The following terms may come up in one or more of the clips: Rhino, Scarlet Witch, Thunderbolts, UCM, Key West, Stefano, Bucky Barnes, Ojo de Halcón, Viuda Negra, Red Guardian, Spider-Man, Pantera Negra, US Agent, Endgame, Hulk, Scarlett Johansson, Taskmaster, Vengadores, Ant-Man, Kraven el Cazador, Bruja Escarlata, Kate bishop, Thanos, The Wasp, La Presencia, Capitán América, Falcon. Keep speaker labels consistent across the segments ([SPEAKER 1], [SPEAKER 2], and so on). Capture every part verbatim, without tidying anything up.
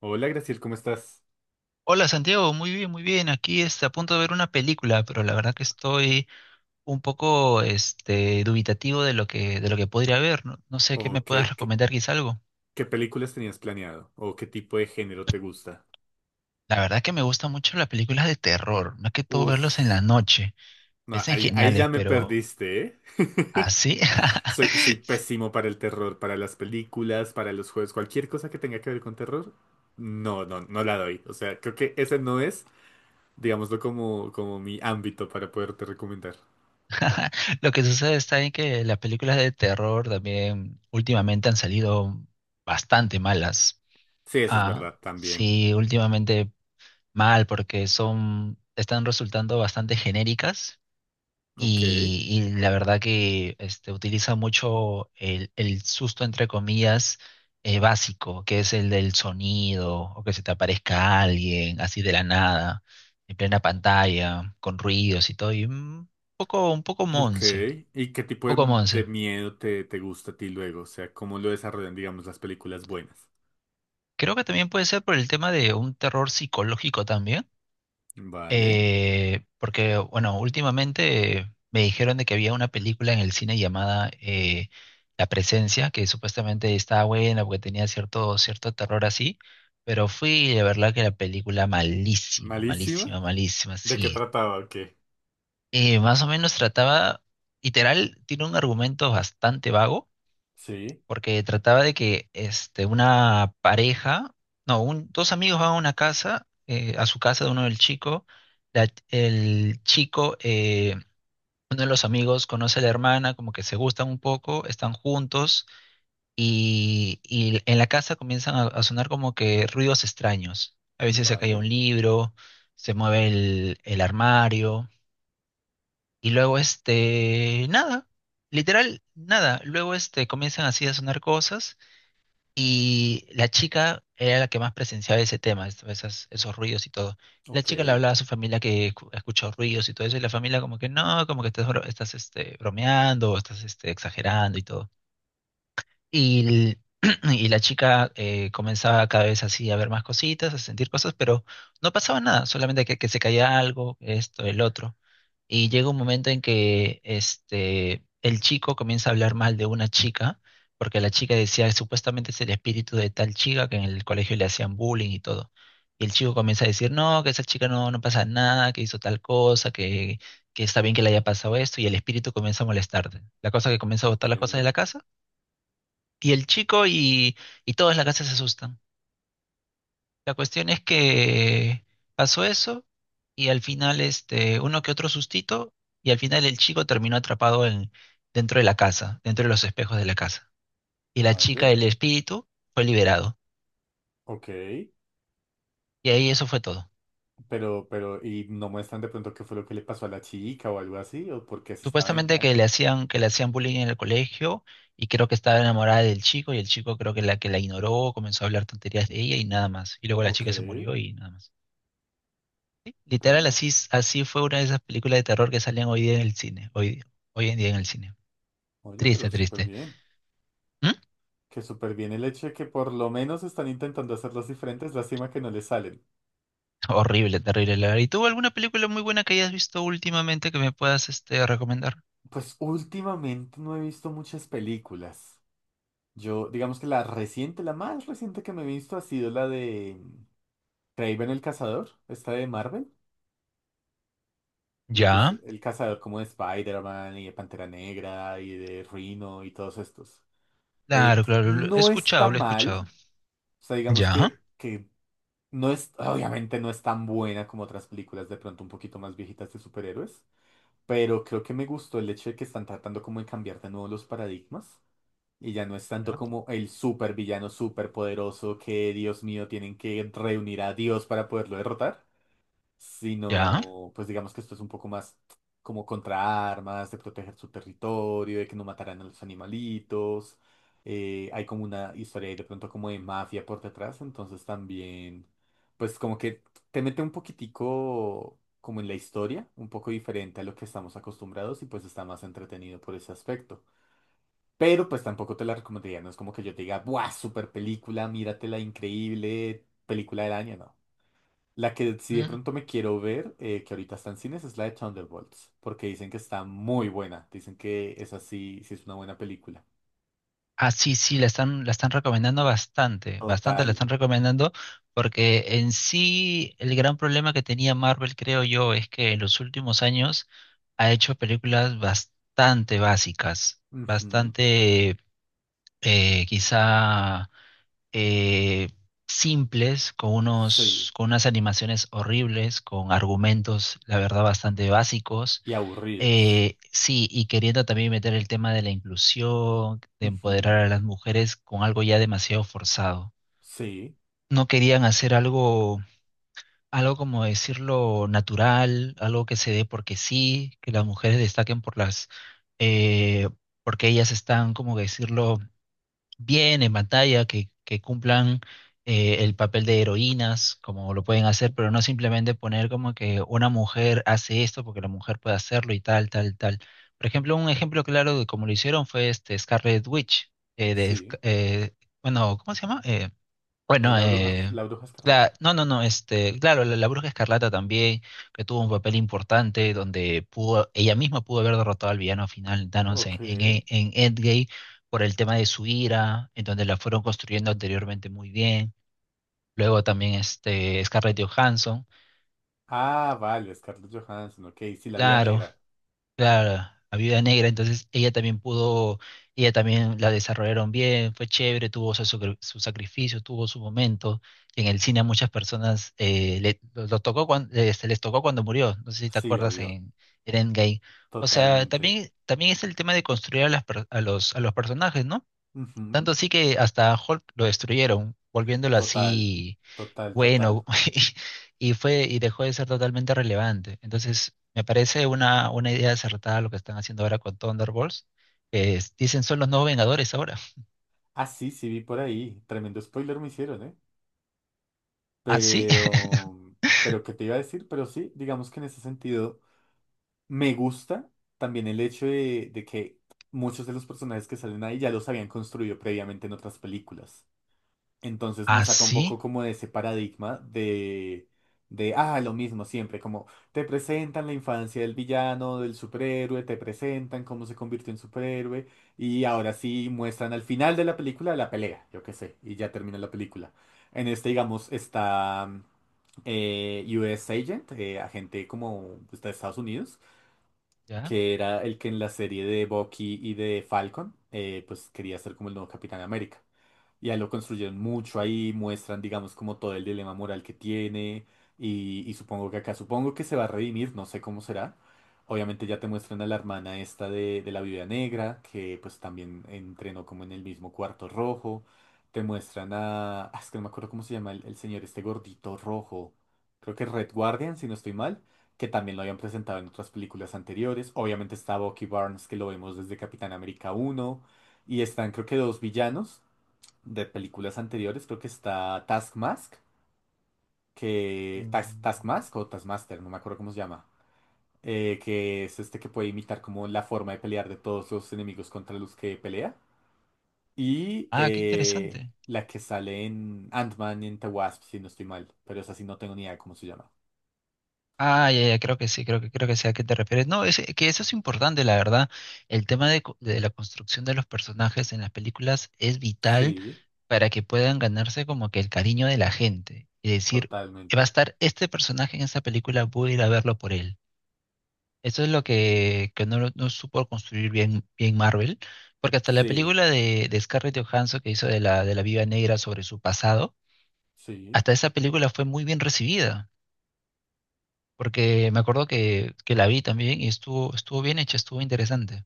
[SPEAKER 1] Hola, Graciel, ¿cómo estás?
[SPEAKER 2] Hola Santiago, muy bien, muy bien. Aquí está a punto de ver una película, pero la verdad que estoy un poco este, dubitativo de lo que, de lo que podría ver. No, no sé qué me
[SPEAKER 1] ¿O
[SPEAKER 2] puedas
[SPEAKER 1] qué, qué-
[SPEAKER 2] recomendar, quizá algo.
[SPEAKER 1] qué películas tenías planeado? ¿O qué tipo de género te gusta?
[SPEAKER 2] La verdad que me gustan mucho las películas de terror, más que todo
[SPEAKER 1] Uf,
[SPEAKER 2] verlos en la noche.
[SPEAKER 1] no,
[SPEAKER 2] Parecen
[SPEAKER 1] ahí, ahí
[SPEAKER 2] geniales,
[SPEAKER 1] ya me
[SPEAKER 2] pero
[SPEAKER 1] perdiste, ¿eh?
[SPEAKER 2] así.
[SPEAKER 1] Soy, soy pésimo para el terror, para las películas, para los juegos, cualquier cosa que tenga que ver con terror, no, no, no la doy. O sea, creo que ese no es, digámoslo, como, como mi ámbito para poderte recomendar.
[SPEAKER 2] Lo que sucede está en que las películas de terror también últimamente han salido bastante malas.
[SPEAKER 1] Sí, eso es
[SPEAKER 2] Ah,
[SPEAKER 1] verdad, también.
[SPEAKER 2] sí, últimamente mal, porque son, están resultando bastante genéricas
[SPEAKER 1] Ok.
[SPEAKER 2] y, y la verdad que este, utiliza mucho el, el susto, entre comillas, eh, básico, que es el del sonido o que se te aparezca alguien así de la nada, en plena pantalla, con ruidos y todo, y un poco, un poco
[SPEAKER 1] Ok,
[SPEAKER 2] monse,
[SPEAKER 1] ¿y qué
[SPEAKER 2] un
[SPEAKER 1] tipo de,
[SPEAKER 2] poco
[SPEAKER 1] de
[SPEAKER 2] monse.
[SPEAKER 1] miedo te, te gusta a ti luego? O sea, ¿cómo lo desarrollan, digamos, las películas buenas?
[SPEAKER 2] Creo que también puede ser por el tema de un terror psicológico también.
[SPEAKER 1] Vale,
[SPEAKER 2] Eh, porque, bueno, últimamente eh, me dijeron de que había una película en el cine llamada eh, La Presencia, que supuestamente estaba buena porque tenía cierto, cierto terror así, pero fui y de verdad que la película malísima,
[SPEAKER 1] malísima.
[SPEAKER 2] malísima, malísima,
[SPEAKER 1] ¿De qué
[SPEAKER 2] sí.
[SPEAKER 1] trataba? Ok.
[SPEAKER 2] Eh, más o menos trataba, literal, tiene un argumento bastante vago
[SPEAKER 1] Sí,
[SPEAKER 2] porque trataba de que este, una pareja, no, un- dos amigos van a una casa, eh, a su casa de uno del chico, la- el chico, eh, uno de los amigos conoce a la hermana, como que se gustan un poco, están juntos y, y en la casa comienzan a, a sonar como que ruidos extraños. A veces se cae
[SPEAKER 1] vale,
[SPEAKER 2] un libro, se mueve el, el armario y luego este, nada, literal, nada. Luego este, comienzan así a sonar cosas. Y la chica era la que más presenciaba ese tema, es- esas, esos ruidos y todo. La
[SPEAKER 1] ok,
[SPEAKER 2] chica le hablaba a su familia que escu- escuchó ruidos y todo eso, y la familia como que no, como que estás, bro- estás este, bromeando, o estás este, exagerando y todo. Y, el- y la chica eh, comenzaba cada vez así a ver más cositas, a sentir cosas, pero no pasaba nada, solamente que, que se caía algo, esto, el otro. Y llega un momento en que este, el chico comienza a hablar mal de una chica, porque la chica decía que supuestamente es el espíritu de tal chica que en el colegio le hacían bullying y todo. Y el chico comienza a decir, no, que esa chica no, no pasa nada, que hizo tal cosa, que, que está bien que le haya pasado esto, y el espíritu comienza a molestarte. La cosa que comienza a botar
[SPEAKER 1] ok,
[SPEAKER 2] las cosas de la casa y el chico y, y todos en la casa se asustan. La cuestión es que pasó eso y al final este, uno que otro sustito y al final el chico terminó atrapado en, dentro de la casa, dentro de los espejos de la casa. Y la chica,
[SPEAKER 1] vale,
[SPEAKER 2] el espíritu, fue liberado.
[SPEAKER 1] ok.
[SPEAKER 2] Y ahí eso fue todo.
[SPEAKER 1] Pero, pero, ¿y no muestran de pronto qué fue lo que le pasó a la chica o algo así? ¿O por qué se estaba
[SPEAKER 2] Supuestamente
[SPEAKER 1] vengando?
[SPEAKER 2] que le hacían, que le hacían bullying en el colegio y creo que estaba enamorada del chico y el chico creo que la que la ignoró, comenzó a hablar tonterías de ella y nada más. Y luego la
[SPEAKER 1] Ok,
[SPEAKER 2] chica se murió y nada más. Literal,
[SPEAKER 1] bueno,
[SPEAKER 2] así, s- así fue una de esas películas de terror que salían hoy día en el cine. Hoy, hoy en día en el cine.
[SPEAKER 1] oye, pero
[SPEAKER 2] Triste,
[SPEAKER 1] súper
[SPEAKER 2] triste.
[SPEAKER 1] bien.
[SPEAKER 2] ¿Mm?
[SPEAKER 1] Que súper bien el hecho de que por lo menos están intentando hacerlas diferentes, lástima que no les salen.
[SPEAKER 2] Horrible, terrible. La verdad. ¿Y tú alguna película muy buena que hayas visto últimamente que me puedas este, recomendar?
[SPEAKER 1] Pues últimamente no he visto muchas películas. Yo, digamos que la reciente, la más reciente que me he visto ha sido la de Kraven el Cazador, esta de Marvel, la que es
[SPEAKER 2] Ya,
[SPEAKER 1] el cazador como de Spider-Man y de Pantera Negra y de Rhino y todos estos. Eh,
[SPEAKER 2] claro, claro. Lo he
[SPEAKER 1] no está
[SPEAKER 2] escuchado, lo he
[SPEAKER 1] mal,
[SPEAKER 2] escuchado.
[SPEAKER 1] o sea, digamos
[SPEAKER 2] Ya,
[SPEAKER 1] que, que no es, obviamente no es tan buena como otras películas de pronto un poquito más viejitas de superhéroes, pero creo que me gustó el hecho de que están tratando como de cambiar de nuevo los paradigmas. Y ya no es tanto
[SPEAKER 2] ya,
[SPEAKER 1] como el supervillano superpoderoso que, Dios mío, tienen que reunir a Dios para poderlo derrotar,
[SPEAKER 2] ya.
[SPEAKER 1] sino, pues digamos que esto es un poco más como contra armas, de proteger su territorio, de que no matarán a los animalitos. Eh, hay como una historia ahí de pronto como de mafia por detrás, entonces también, pues como que te mete un poquitico como en la historia, un poco diferente a lo que estamos acostumbrados y pues está más entretenido por ese aspecto. Pero pues tampoco te la recomendaría, no es como que yo te diga, ¡buah, super película, míratela, increíble, película del año! No. La que sí de
[SPEAKER 2] Mm.
[SPEAKER 1] pronto me quiero ver, eh, que ahorita está en cines, es la de Thunderbolts, porque dicen que está muy buena, dicen que esa sí, sí es una buena película.
[SPEAKER 2] Ah, sí, sí, la están, la están recomendando bastante, bastante la
[SPEAKER 1] Total.
[SPEAKER 2] están recomendando, porque en sí el gran problema que tenía Marvel, creo yo, es que en los últimos años ha hecho películas bastante básicas,
[SPEAKER 1] Ujú.
[SPEAKER 2] bastante eh, quizá eh, simples, con
[SPEAKER 1] Sí.
[SPEAKER 2] unos, con unas animaciones horribles, con argumentos, la verdad, bastante básicos,
[SPEAKER 1] Y aburridos.
[SPEAKER 2] eh, sí, y queriendo también meter el tema de la inclusión, de
[SPEAKER 1] Ujú.
[SPEAKER 2] empoderar a las mujeres con algo ya demasiado forzado.
[SPEAKER 1] Sí,
[SPEAKER 2] No querían hacer algo, algo como decirlo natural, algo que se dé porque sí, que las mujeres destaquen por las, eh, porque ellas están, como decirlo, bien en pantalla, que, que cumplan eh, el papel de heroínas, como lo pueden hacer, pero no simplemente poner como que una mujer hace esto porque la mujer puede hacerlo y tal, tal, tal. Por ejemplo, un ejemplo claro de cómo lo hicieron fue este Scarlet Witch, eh, de,
[SPEAKER 1] sí.
[SPEAKER 2] Sc- eh, bueno, ¿cómo se llama? Eh,
[SPEAKER 1] Eh,
[SPEAKER 2] bueno,
[SPEAKER 1] la bruja,
[SPEAKER 2] eh,
[SPEAKER 1] la bruja escarlata.
[SPEAKER 2] la, no, no, no, este, claro, la, la Bruja Escarlata también, que tuvo un papel importante donde pudo, ella misma pudo haber derrotado al villano final, Thanos, en,
[SPEAKER 1] Ok.
[SPEAKER 2] en, E- en Endgame, por el tema de su ira, en donde la fueron construyendo anteriormente muy bien. Luego también este, Scarlett Johansson,
[SPEAKER 1] Ah, vale, Scarlett Johansson, ok, sí, la vida
[SPEAKER 2] claro,
[SPEAKER 1] negra.
[SPEAKER 2] claro, a Viuda Negra, entonces ella también pudo, ella también la desarrollaron bien, fue chévere, tuvo su, sacri- su sacrificio, tuvo su momento. Y en el cine a muchas personas eh, le- lo, lo tocó cuando, se les tocó cuando murió, no sé si te
[SPEAKER 1] Sí,
[SPEAKER 2] acuerdas
[SPEAKER 1] obvio,
[SPEAKER 2] en, en Endgame. O sea,
[SPEAKER 1] totalmente.
[SPEAKER 2] también, también es el tema de construir a, las per- a los, a los personajes, ¿no?
[SPEAKER 1] Ujú.
[SPEAKER 2] Tanto así que hasta Hulk lo destruyeron, volviéndolo
[SPEAKER 1] Total,
[SPEAKER 2] así
[SPEAKER 1] total, total.
[SPEAKER 2] bueno, y fue, y dejó de ser totalmente relevante. Entonces, me parece una, una idea acertada lo que están haciendo ahora con Thunderbolts, que es- dicen son los nuevos Vengadores ahora.
[SPEAKER 1] Ah, sí, sí vi por ahí. Tremendo spoiler me hicieron, ¿eh?
[SPEAKER 2] ¿Ah, sí?
[SPEAKER 1] Pero, pero, ¿qué te iba a decir? Pero sí, digamos que en ese sentido me gusta también el hecho de, de que muchos de los personajes que salen ahí ya los habían construido previamente en otras películas. Entonces
[SPEAKER 2] ¿Ah,
[SPEAKER 1] nos saca un poco
[SPEAKER 2] sí?
[SPEAKER 1] como de ese paradigma de, de, ah, lo mismo siempre, como te presentan la infancia del villano, del superhéroe, te presentan cómo se convirtió en superhéroe, y ahora sí muestran al final de la película la pelea, yo qué sé, y ya termina la película. En este, digamos, está eh, U S Agent, eh, agente como está de Estados Unidos,
[SPEAKER 2] ¿Ya?
[SPEAKER 1] que era el que en la serie de Bucky y de Falcon, eh, pues quería ser como el nuevo Capitán América. Y ahí lo construyeron mucho, ahí muestran, digamos, como todo el dilema moral que tiene. Y, y supongo que acá, supongo que se va a redimir, no sé cómo será. Obviamente ya te muestran a la hermana esta de, de la Viuda Negra, que pues también entrenó como en el mismo cuarto rojo. Te muestran a... ah, es que no me acuerdo cómo se llama el, el señor, este gordito rojo. Creo que Red Guardian, si no estoy mal, que también lo habían presentado en otras películas anteriores. Obviamente está Bucky Barnes, que lo vemos desde Capitán América uno. Y están creo que dos villanos de películas anteriores, creo que está Taskmask, que Tas-
[SPEAKER 2] Mm.
[SPEAKER 1] Taskmask o Taskmaster, no me acuerdo cómo se llama, eh, que es este que puede imitar como la forma de pelear de todos los enemigos contra los que pelea. Y
[SPEAKER 2] Ah, qué
[SPEAKER 1] eh,
[SPEAKER 2] interesante.
[SPEAKER 1] la que sale en Ant-Man y en The Wasp, si no estoy mal, pero esa sí no tengo ni idea de cómo se llama.
[SPEAKER 2] Ah, ya, ya, creo que sí, creo que creo que sé a qué te refieres. No, es que eso es importante, la verdad. El tema de, co- de la construcción de los personajes en las películas es vital
[SPEAKER 1] Sí,
[SPEAKER 2] para que puedan ganarse como que el cariño de la gente. Y decir, va a
[SPEAKER 1] totalmente.
[SPEAKER 2] estar este personaje en esta película, voy a ir a verlo por él. Eso es lo que, que no, lo- no supo construir bien, bien Marvel, porque hasta la
[SPEAKER 1] Sí,
[SPEAKER 2] película de, de Scarlett Johansson que hizo de la, de la Viuda Negra sobre su pasado,
[SPEAKER 1] sí.
[SPEAKER 2] hasta esa película fue muy bien recibida porque me acuerdo que, que la vi también y estuvo, estuvo bien hecha, estuvo interesante.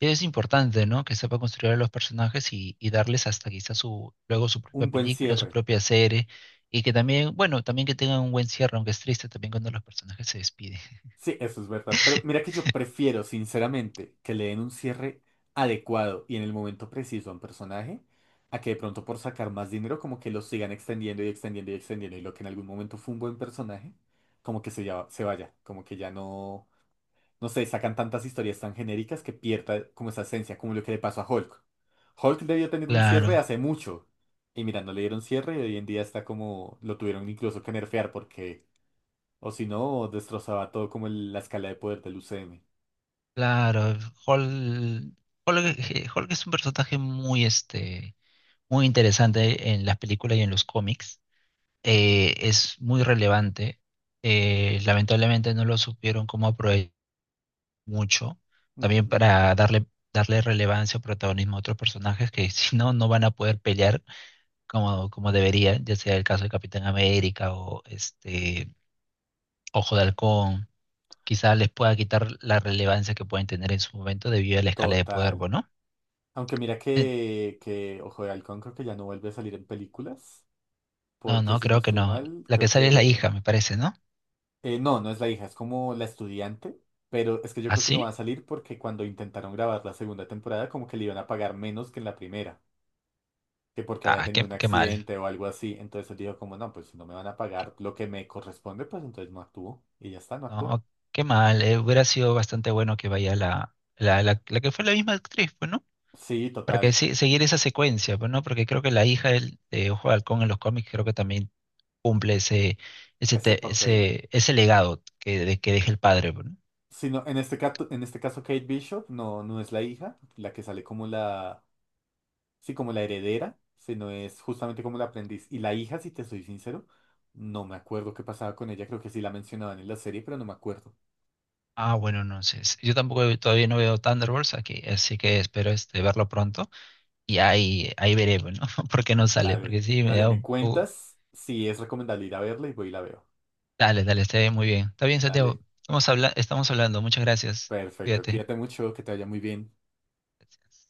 [SPEAKER 2] Es importante, ¿no? Que sepa construir a los personajes y, y darles hasta quizás su, luego su propia
[SPEAKER 1] Un buen
[SPEAKER 2] película, su
[SPEAKER 1] cierre.
[SPEAKER 2] propia serie, y que también, bueno, también que tengan un buen cierre, aunque es triste también cuando los personajes se despiden.
[SPEAKER 1] Sí, eso es verdad. Pero mira que yo prefiero, sinceramente, que le den un cierre adecuado y en el momento preciso a un personaje, a que de pronto por sacar más dinero como que lo sigan extendiendo y extendiendo y extendiendo y lo que en algún momento fue un buen personaje, como que se, ya, se vaya, como que ya no, no sé, sacan tantas historias tan genéricas que pierda como esa esencia, como lo que le pasó a Hulk. Hulk debió tener un cierre
[SPEAKER 2] Claro,
[SPEAKER 1] hace mucho y mira, no le dieron cierre y hoy en día está como, lo tuvieron incluso que nerfear porque... O si no, destrozaba todo como el- la escala de poder del U C M.
[SPEAKER 2] claro. Hall, Hulk, eh, Hulk es un personaje muy, este, muy interesante en las películas y en los cómics. Eh, es muy relevante. Eh, lamentablemente no lo supieron cómo aprovechar mucho, también
[SPEAKER 1] Ujú.
[SPEAKER 2] para darle, darle relevancia o protagonismo a otros personajes que si no, no van a poder pelear como, como deberían, ya sea el caso de Capitán América o este Ojo de Halcón, quizás les pueda quitar la relevancia que pueden tener en su momento debido a la escala de poder,
[SPEAKER 1] Total.
[SPEAKER 2] ¿no?
[SPEAKER 1] Aunque mira
[SPEAKER 2] Eh,
[SPEAKER 1] que, que Ojo de Halcón creo que ya no vuelve a salir en películas.
[SPEAKER 2] no,
[SPEAKER 1] Porque
[SPEAKER 2] no,
[SPEAKER 1] si no
[SPEAKER 2] creo que
[SPEAKER 1] estoy
[SPEAKER 2] no.
[SPEAKER 1] mal,
[SPEAKER 2] La
[SPEAKER 1] creo
[SPEAKER 2] que sale es la
[SPEAKER 1] que...
[SPEAKER 2] hija, me parece, ¿no?
[SPEAKER 1] eh, no, no es la hija, es como la estudiante. Pero es que yo
[SPEAKER 2] ¿Ah,
[SPEAKER 1] creo que no va a
[SPEAKER 2] sí?
[SPEAKER 1] salir porque cuando intentaron grabar la segunda temporada como que le iban a pagar menos que en la primera. Que porque había
[SPEAKER 2] Ah,
[SPEAKER 1] tenido
[SPEAKER 2] qué,
[SPEAKER 1] un
[SPEAKER 2] qué mal.
[SPEAKER 1] accidente o algo así. Entonces él dijo como, no, pues si no me van a
[SPEAKER 2] Qué-
[SPEAKER 1] pagar lo que me corresponde, pues entonces no actúo. Y ya está, no actuó.
[SPEAKER 2] no, qué mal. Eh, hubiera sido bastante bueno que vaya la, la, la, la que fue la misma actriz, pues, ¿no?
[SPEAKER 1] Sí,
[SPEAKER 2] Para
[SPEAKER 1] total.
[SPEAKER 2] que sí- seguir esa secuencia, pues, ¿no? Porque creo que la hija del- de Ojo de Halcón en los cómics creo que también cumple ese, ese,
[SPEAKER 1] Ese
[SPEAKER 2] te-
[SPEAKER 1] papel.
[SPEAKER 2] ese, ese legado que, de, que deja el padre, pues, ¿no?
[SPEAKER 1] Sino, en este caso, en este caso Kate Bishop no, no es la hija, la que sale como la, sí, como la heredera, sino es justamente como la aprendiz. Y la hija, si te soy sincero, no me acuerdo qué pasaba con ella, creo que sí la mencionaban en la serie, pero no me acuerdo.
[SPEAKER 2] Ah, bueno, no sé. s- Yo tampoco he- todavía no veo Thunderbolts aquí, así que espero este, verlo pronto y ahí, ahí veré, pues, ¿no? Porque no sale, porque
[SPEAKER 1] Dale,
[SPEAKER 2] sí me
[SPEAKER 1] dale,
[SPEAKER 2] da
[SPEAKER 1] me
[SPEAKER 2] un poco...
[SPEAKER 1] cuentas si es recomendable ir a verla y voy y la veo.
[SPEAKER 2] Dale, dale, está bien, muy bien. Está bien, Santiago.
[SPEAKER 1] Dale,
[SPEAKER 2] Estamos habla- estamos hablando. Muchas gracias.
[SPEAKER 1] perfecto,
[SPEAKER 2] Cuídate.
[SPEAKER 1] cuídate mucho, que te vaya muy bien.
[SPEAKER 2] Gracias.